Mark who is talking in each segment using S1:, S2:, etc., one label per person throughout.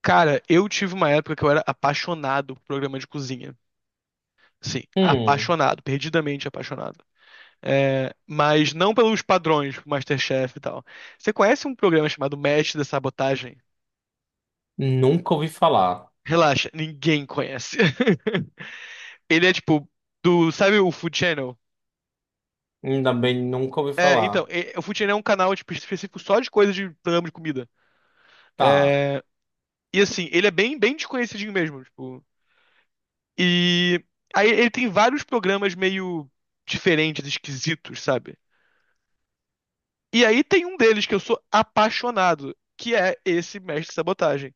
S1: Cara, eu tive uma época que eu era apaixonado por programa de cozinha. Sim,
S2: Hum,
S1: apaixonado, perdidamente apaixonado. É, mas não pelos padrões, tipo MasterChef e tal. Você conhece um programa chamado Mestre da Sabotagem?
S2: nunca ouvi falar.
S1: Relaxa, ninguém conhece. Ele é tipo do, sabe o Food Channel?
S2: Ainda bem, nunca ouvi
S1: É, então,
S2: falar.
S1: o Food Channel é um canal tipo, específico só de coisa de programa de comida.
S2: Tá.
S1: É, e assim, ele é bem, bem desconhecidinho mesmo, tipo, e aí ele tem vários programas meio diferentes, esquisitos, sabe? E aí tem um deles que eu sou apaixonado, que é esse Mestre Sabotagem.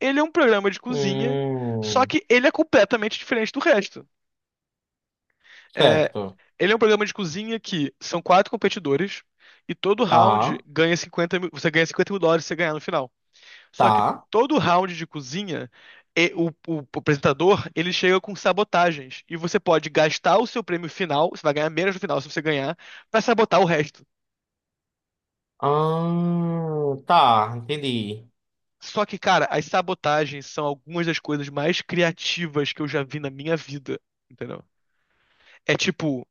S1: Ele é um programa de cozinha, só
S2: Hum,
S1: que ele é completamente diferente do resto. É,
S2: certo.
S1: ele é um programa de cozinha que são quatro competidores e todo round
S2: Tá,
S1: ganha 50 mil, você ganha 50 mil dólares se você ganhar no final. Só que
S2: tá.
S1: todo round de cozinha, o apresentador, ele chega com sabotagens. E você pode gastar o seu prêmio final, você vai ganhar menos no final se você ganhar, pra sabotar o resto.
S2: Ah, tá, entendi.
S1: Só que, cara, as sabotagens são algumas das coisas mais criativas que eu já vi na minha vida, entendeu? É tipo,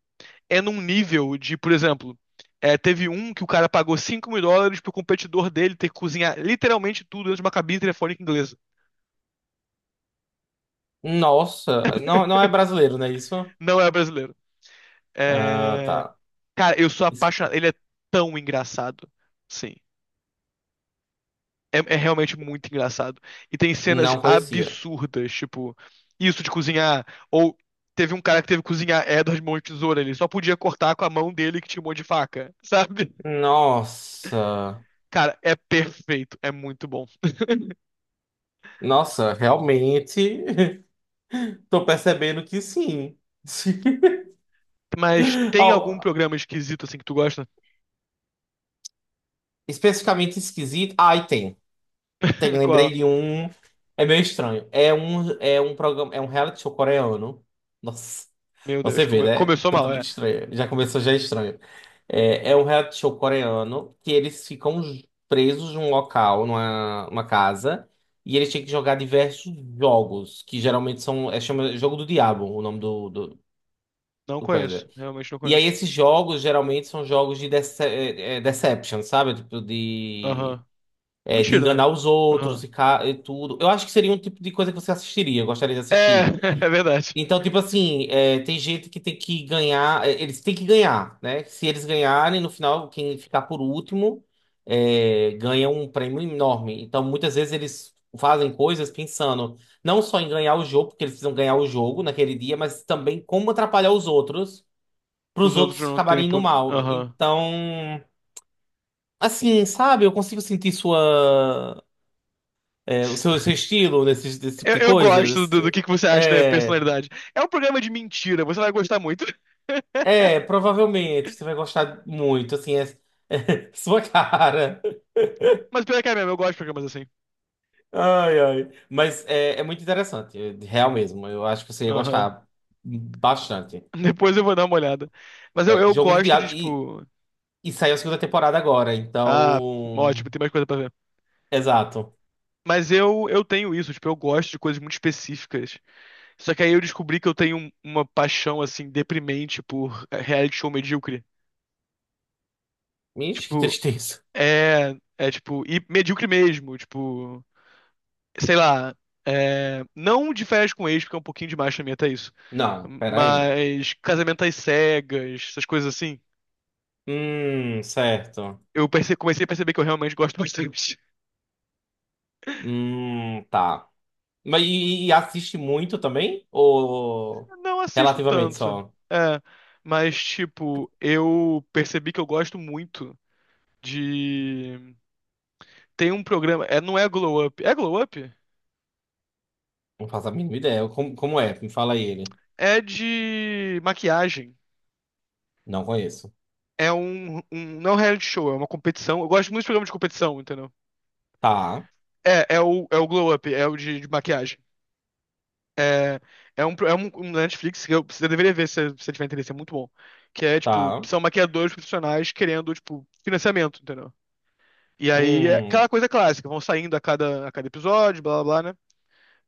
S1: é num nível de, por exemplo, é, teve um que o cara pagou 5 mil dólares pro competidor dele ter que cozinhar literalmente tudo dentro de uma cabine telefônica inglesa.
S2: Nossa, não é brasileiro, não é isso?
S1: Não é brasileiro.
S2: Ah,
S1: É,
S2: tá.
S1: cara, eu sou
S2: Isso-
S1: apaixonado. Ele é tão engraçado. Sim. É realmente muito engraçado. E tem cenas
S2: Não conhecia.
S1: absurdas, tipo, isso de cozinhar. Ou teve um cara que teve que cozinhar Edward mão de tesoura. Ele só podia cortar com a mão dele que tinha um monte de faca, sabe?
S2: Nossa,
S1: Cara, é perfeito. É muito bom.
S2: nossa, realmente tô percebendo que sim.
S1: Mas tem
S2: Ó,
S1: algum programa esquisito, assim, que tu gosta?
S2: especificamente esquisito. Ah, e tem. Tem, lembrei
S1: Qual?
S2: de um. É meio estranho. É um reality show coreano. Nossa,
S1: Meu
S2: você
S1: Deus,
S2: vê, né?
S1: começou mal,
S2: Totalmente
S1: é.
S2: estranho. Já começou já é estranho. É, é um reality show coreano que eles ficam presos num local, numa casa, e eles têm que jogar diversos jogos, que geralmente são, é chama Jogo do Diabo, o nome do, do,
S1: Não
S2: do coisa.
S1: conheço. Realmente não
S2: E aí
S1: conheço.
S2: esses jogos geralmente são jogos de deception, sabe? Tipo de
S1: Aham.
S2: é, de
S1: Mentira, né?
S2: enganar os outros
S1: Aham.
S2: e, e tudo. Eu acho que seria um tipo de coisa que você assistiria, eu gostaria de
S1: É,
S2: assistir.
S1: é verdade.
S2: Então, tipo assim, é, tem gente que tem que ganhar, é, eles têm que ganhar, né? Se eles ganharem, no final, quem ficar por último é, ganha um prêmio enorme. Então, muitas vezes eles fazem coisas pensando não só em ganhar o jogo, porque eles precisam ganhar o jogo naquele dia, mas também como atrapalhar os outros, para
S1: Os
S2: os
S1: outros
S2: outros
S1: não têm
S2: acabarem indo
S1: ponto.
S2: mal.
S1: Aham.
S2: Então, assim, sabe, eu consigo sentir sua. É, o seu estilo nesse, desse tipo
S1: Eu,
S2: de
S1: eu
S2: coisa?
S1: gosto do que você acha da
S2: É,
S1: personalidade. É um programa de mentira, você vai gostar muito.
S2: é, provavelmente você vai gostar muito, assim, é, é sua cara.
S1: Mas pior que é mesmo, eu gosto de programas assim.
S2: Ai, ai. Mas é, é muito interessante, é real mesmo. Eu acho que você ia
S1: Aham.
S2: gostar bastante.
S1: Depois eu vou dar uma olhada. Mas eu,
S2: É,
S1: eu
S2: Jogo do
S1: gosto de,
S2: Diabo,
S1: tipo.
S2: e saiu a segunda temporada agora,
S1: Ah,
S2: então.
S1: ótimo, tem mais coisa pra ver.
S2: Exato.
S1: Mas eu tenho isso, tipo, eu gosto de coisas muito específicas. Só que aí eu descobri que eu tenho uma paixão, assim, deprimente por reality show medíocre.
S2: Ixi, que
S1: Tipo,
S2: tristeza.
S1: é. É, tipo, e medíocre mesmo, tipo. Sei lá. É, não de férias com ex, porque é um pouquinho demais pra mim até isso.
S2: Não, peraí.
S1: Mas Casamento às Cegas, essas coisas assim,
S2: Certo.
S1: eu comecei a perceber que eu realmente gosto bastante.
S2: Tá. Mas e assiste muito também? Ou
S1: Eu não assisto
S2: relativamente
S1: tanto,
S2: só?
S1: é, mas tipo, eu percebi que eu gosto muito de. Tem um programa, é, não é Glow Up, é Glow Up?
S2: Não faço a mínima ideia. Como, como é? Me fala aí ele.
S1: É de maquiagem.
S2: Não conheço.
S1: Não é um reality show, é uma competição. Eu gosto muito de programa de competição, entendeu?
S2: Tá,
S1: É o Glow Up, é o de maquiagem. É, é um Netflix que você deveria ver se você tiver interesse, é muito bom. Que é, tipo,
S2: tá.
S1: são maquiadores profissionais querendo, tipo, financiamento, entendeu? E aí é
S2: Hum,
S1: aquela coisa clássica, vão saindo a cada episódio, blá blá blá, né?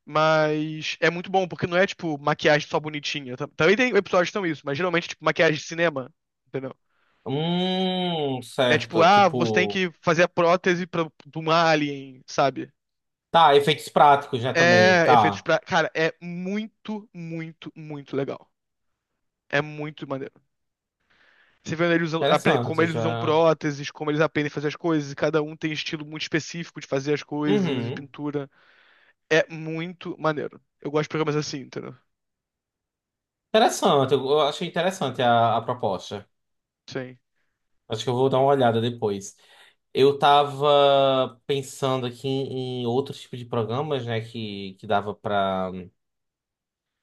S1: Mas é muito bom, porque não é, tipo, maquiagem só bonitinha. Também tem episódios que são isso, mas geralmente, tipo, maquiagem de cinema, entendeu? É tipo,
S2: certo.
S1: ah, você tem
S2: Tipo,
S1: que fazer a prótese pra, de um alien, sabe?
S2: tá, efeitos práticos já também.
S1: É, efeitos
S2: Tá.
S1: pra. Cara, é muito, muito, muito legal. É muito maneiro. Você vê ele como
S2: Interessante,
S1: eles usam
S2: já.
S1: próteses, como eles aprendem a fazer as coisas, e cada um tem estilo muito específico de fazer as coisas e
S2: Uhum.
S1: pintura. É muito maneiro. Eu gosto de programas assim, entendeu?
S2: Interessante, eu achei interessante a proposta.
S1: Sim.
S2: Acho que eu vou dar uma olhada depois. Eu tava pensando aqui em, em outros tipos de programas, né, que dava pra.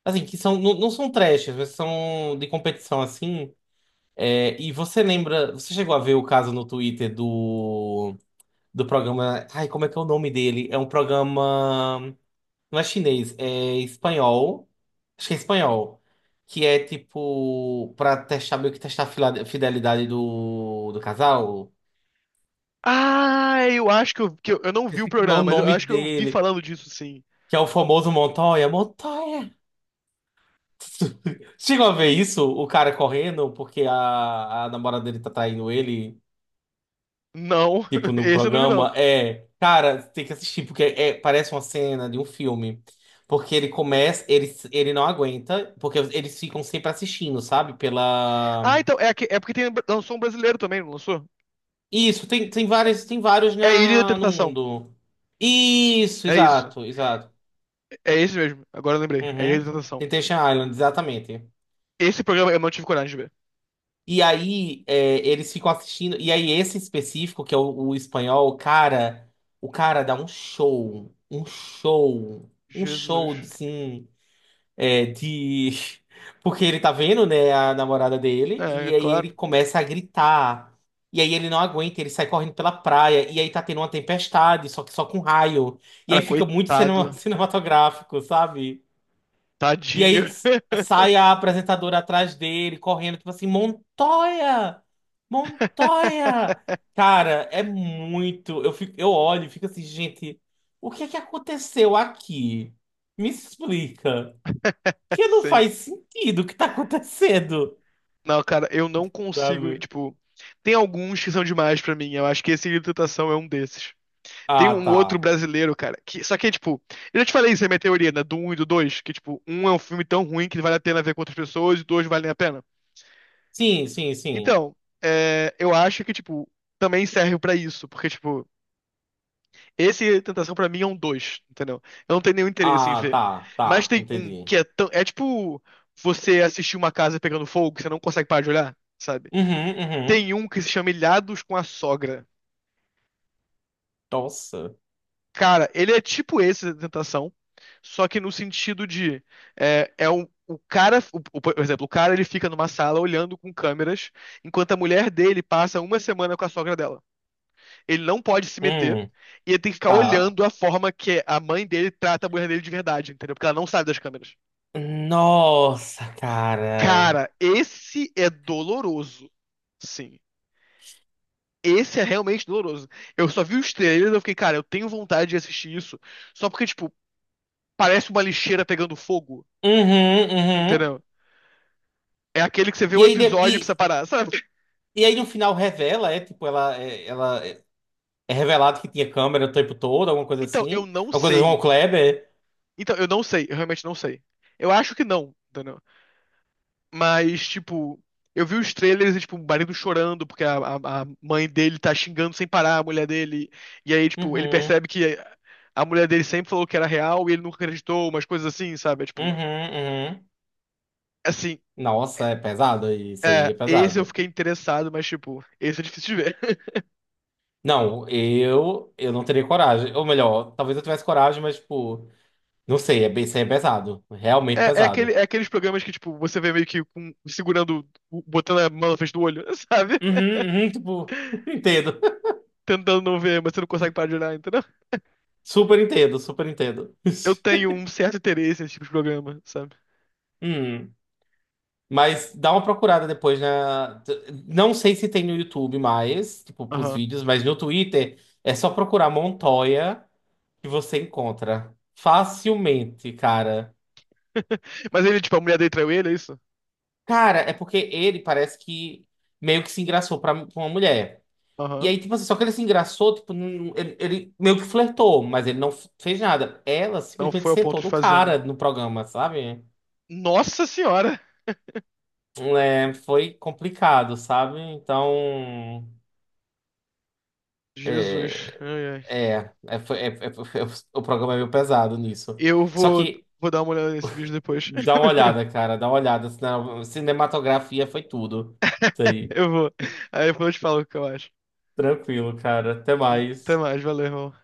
S2: Assim, que são, não, não são trash, mas são de competição assim. É, e você lembra, você chegou a ver o caso no Twitter do, do programa. Ai, como é que é o nome dele? É um programa. Não é chinês, é espanhol. Acho que é espanhol. Que é tipo. Pra testar, meio que testar a fidelidade do, do casal.
S1: Ah, eu acho que eu não vi o
S2: Esse, como é o
S1: programa, mas eu acho
S2: nome
S1: que eu vi
S2: dele?
S1: falando disso, sim.
S2: Que é o famoso Montoya. Montoya! Chegou a ver isso? O cara correndo porque a namorada dele tá traindo ele,
S1: Não,
S2: tipo, no
S1: esse eu não vi, não.
S2: programa. É, cara, tem que assistir, porque é, parece uma cena de um filme. Porque ele começa, ele não aguenta, porque eles ficam sempre assistindo, sabe? Pela.
S1: Ah, então, é, é porque tem, lançou um brasileiro também, não lançou?
S2: Isso, tem, tem várias, tem vários
S1: É Ilha da
S2: na, no
S1: Tentação.
S2: mundo. Isso,
S1: É isso.
S2: exato, exato.
S1: É esse mesmo. Agora eu lembrei. É Ilha da
S2: Uhum.
S1: Tentação.
S2: Temptation Island, exatamente.
S1: Esse programa eu não tive coragem de ver.
S2: E aí, é, eles ficam assistindo. E aí, esse específico, que é o espanhol, cara, o cara dá um show, um show, um
S1: Jesus.
S2: show, assim, é, de. Porque ele tá vendo, né, a namorada dele,
S1: É,
S2: e
S1: é
S2: aí ele
S1: claro.
S2: começa a gritar. E aí ele não aguenta, ele sai correndo pela praia, e aí tá tendo uma tempestade, só que só com raio. E aí
S1: Cara,
S2: fica muito
S1: coitado.
S2: cinematográfico, sabe? E aí
S1: Tadinho.
S2: sai a apresentadora atrás dele, correndo, tipo assim, Montoya! Montoya! Cara, é muito. Eu fico, eu olho e fico assim, gente, o que é que aconteceu aqui? Me explica. Que não
S1: Sim.
S2: faz sentido o que tá acontecendo,
S1: Não, cara, eu não consigo,
S2: sabe?
S1: tipo, tem alguns que são demais pra mim. Eu acho que esse Grito de Tentação é um desses. Tem
S2: Ah,
S1: um
S2: tá.
S1: outro brasileiro, cara, que só que é tipo, eu já te falei isso é minha teoria, né, do um e do 2, que tipo, um é um filme tão ruim que vale a pena ver com outras pessoas e dois valem a pena.
S2: Sim, sim, sim.
S1: Então, é, eu acho que tipo, também serve pra isso, porque tipo, esse Tentação pra mim é um dois, entendeu? Eu não tenho nenhum interesse em
S2: Ah,
S1: ver.
S2: tá,
S1: Mas
S2: tá.
S1: tem um
S2: Entendi.
S1: que é tão. É tipo você assistir uma casa pegando fogo que você não consegue parar de olhar, sabe?
S2: Uhum, uhum.
S1: Tem um que se chama Ilhados com a Sogra.
S2: Nossa.
S1: Cara, ele é tipo esse da Tentação, só que no sentido de. É um. O cara, por exemplo, o cara ele fica numa sala olhando com câmeras, enquanto a mulher dele passa uma semana com a sogra dela. Ele não pode se meter.
S2: Hum,
S1: E ele tem que ficar
S2: tá.
S1: olhando a forma que a mãe dele trata a mulher dele de verdade, entendeu? Porque ela não sabe das câmeras.
S2: Nossa, cara.
S1: Cara, esse é doloroso. Sim. Esse é realmente doloroso. Eu só vi os trailers e eu fiquei, cara, eu tenho vontade de assistir isso. Só porque, tipo, parece uma lixeira pegando fogo,
S2: Uhum, uhum.
S1: entendeu? É aquele que você vê
S2: E
S1: um
S2: aí, de-
S1: episódio e precisa
S2: e,
S1: parar, sabe?
S2: e aí no final revela, é tipo, ela, é revelado que tinha câmera o tempo todo, alguma coisa
S1: Então, eu
S2: assim.
S1: não
S2: Alguma coisa do Von
S1: sei.
S2: Kleber.
S1: Então, eu não sei. Eu realmente não sei. Eu acho que não, entendeu? Mas, tipo, eu vi os trailers e, tipo, o marido chorando porque a mãe dele tá xingando sem parar a mulher dele. E aí, tipo, ele
S2: Uhum,
S1: percebe que a mulher dele sempre falou que era real e ele nunca acreditou, umas coisas assim, sabe? É, tipo,
S2: uhum, uhum.
S1: assim,
S2: Nossa, é pesado, isso aí
S1: é,
S2: é
S1: esse eu
S2: pesado.
S1: fiquei interessado, mas, tipo, esse é difícil de ver.
S2: Não, eu não teria coragem. Ou melhor, talvez eu tivesse coragem, mas, tipo, não sei, é, isso aí é pesado. Realmente
S1: É, é, aquele,
S2: pesado.
S1: é aqueles programas que, tipo, você vê meio que segurando, botando a mão na frente do olho, sabe?
S2: Uhum, uhum, tipo, entendo.
S1: Tentando não ver, mas você não consegue parar de olhar, entendeu?
S2: Super entendo, super entendo.
S1: Eu tenho um certo interesse nesse tipo de programa, sabe?
S2: Hum. Mas dá uma procurada depois na. Não sei se tem no YouTube mais, tipo, pros
S1: Aham.
S2: vídeos, mas no Twitter é só procurar Montoya que você encontra facilmente, cara.
S1: Mas ele, tipo, a mulher dele traiu ele, é isso?
S2: Cara, é porque ele parece que meio que se engraçou pra, pra uma mulher. E
S1: Aham.
S2: aí, tipo assim, só que ele se engraçou, tipo, ele, ele meio que flertou, mas ele não fez nada. Ela
S1: Não foi
S2: simplesmente
S1: ao ponto
S2: sentou
S1: de
S2: no
S1: fazer, né?
S2: cara no programa, sabe?
S1: Nossa senhora!
S2: É, foi complicado, sabe? Então.
S1: Jesus.
S2: É,
S1: Ai, ai.
S2: É, é, foi- é- é- foi- o programa é meio pesado nisso.
S1: Eu
S2: Só
S1: vou,
S2: que
S1: vou dar uma olhada nesse vídeo depois.
S2: dá uma olhada, cara, dá uma olhada. Cinematografia foi tudo. Isso aí.
S1: Eu vou. Aí depois eu te falo o que eu acho.
S2: Tranquilo, cara. Até
S1: Até
S2: mais.
S1: mais, valeu, irmão.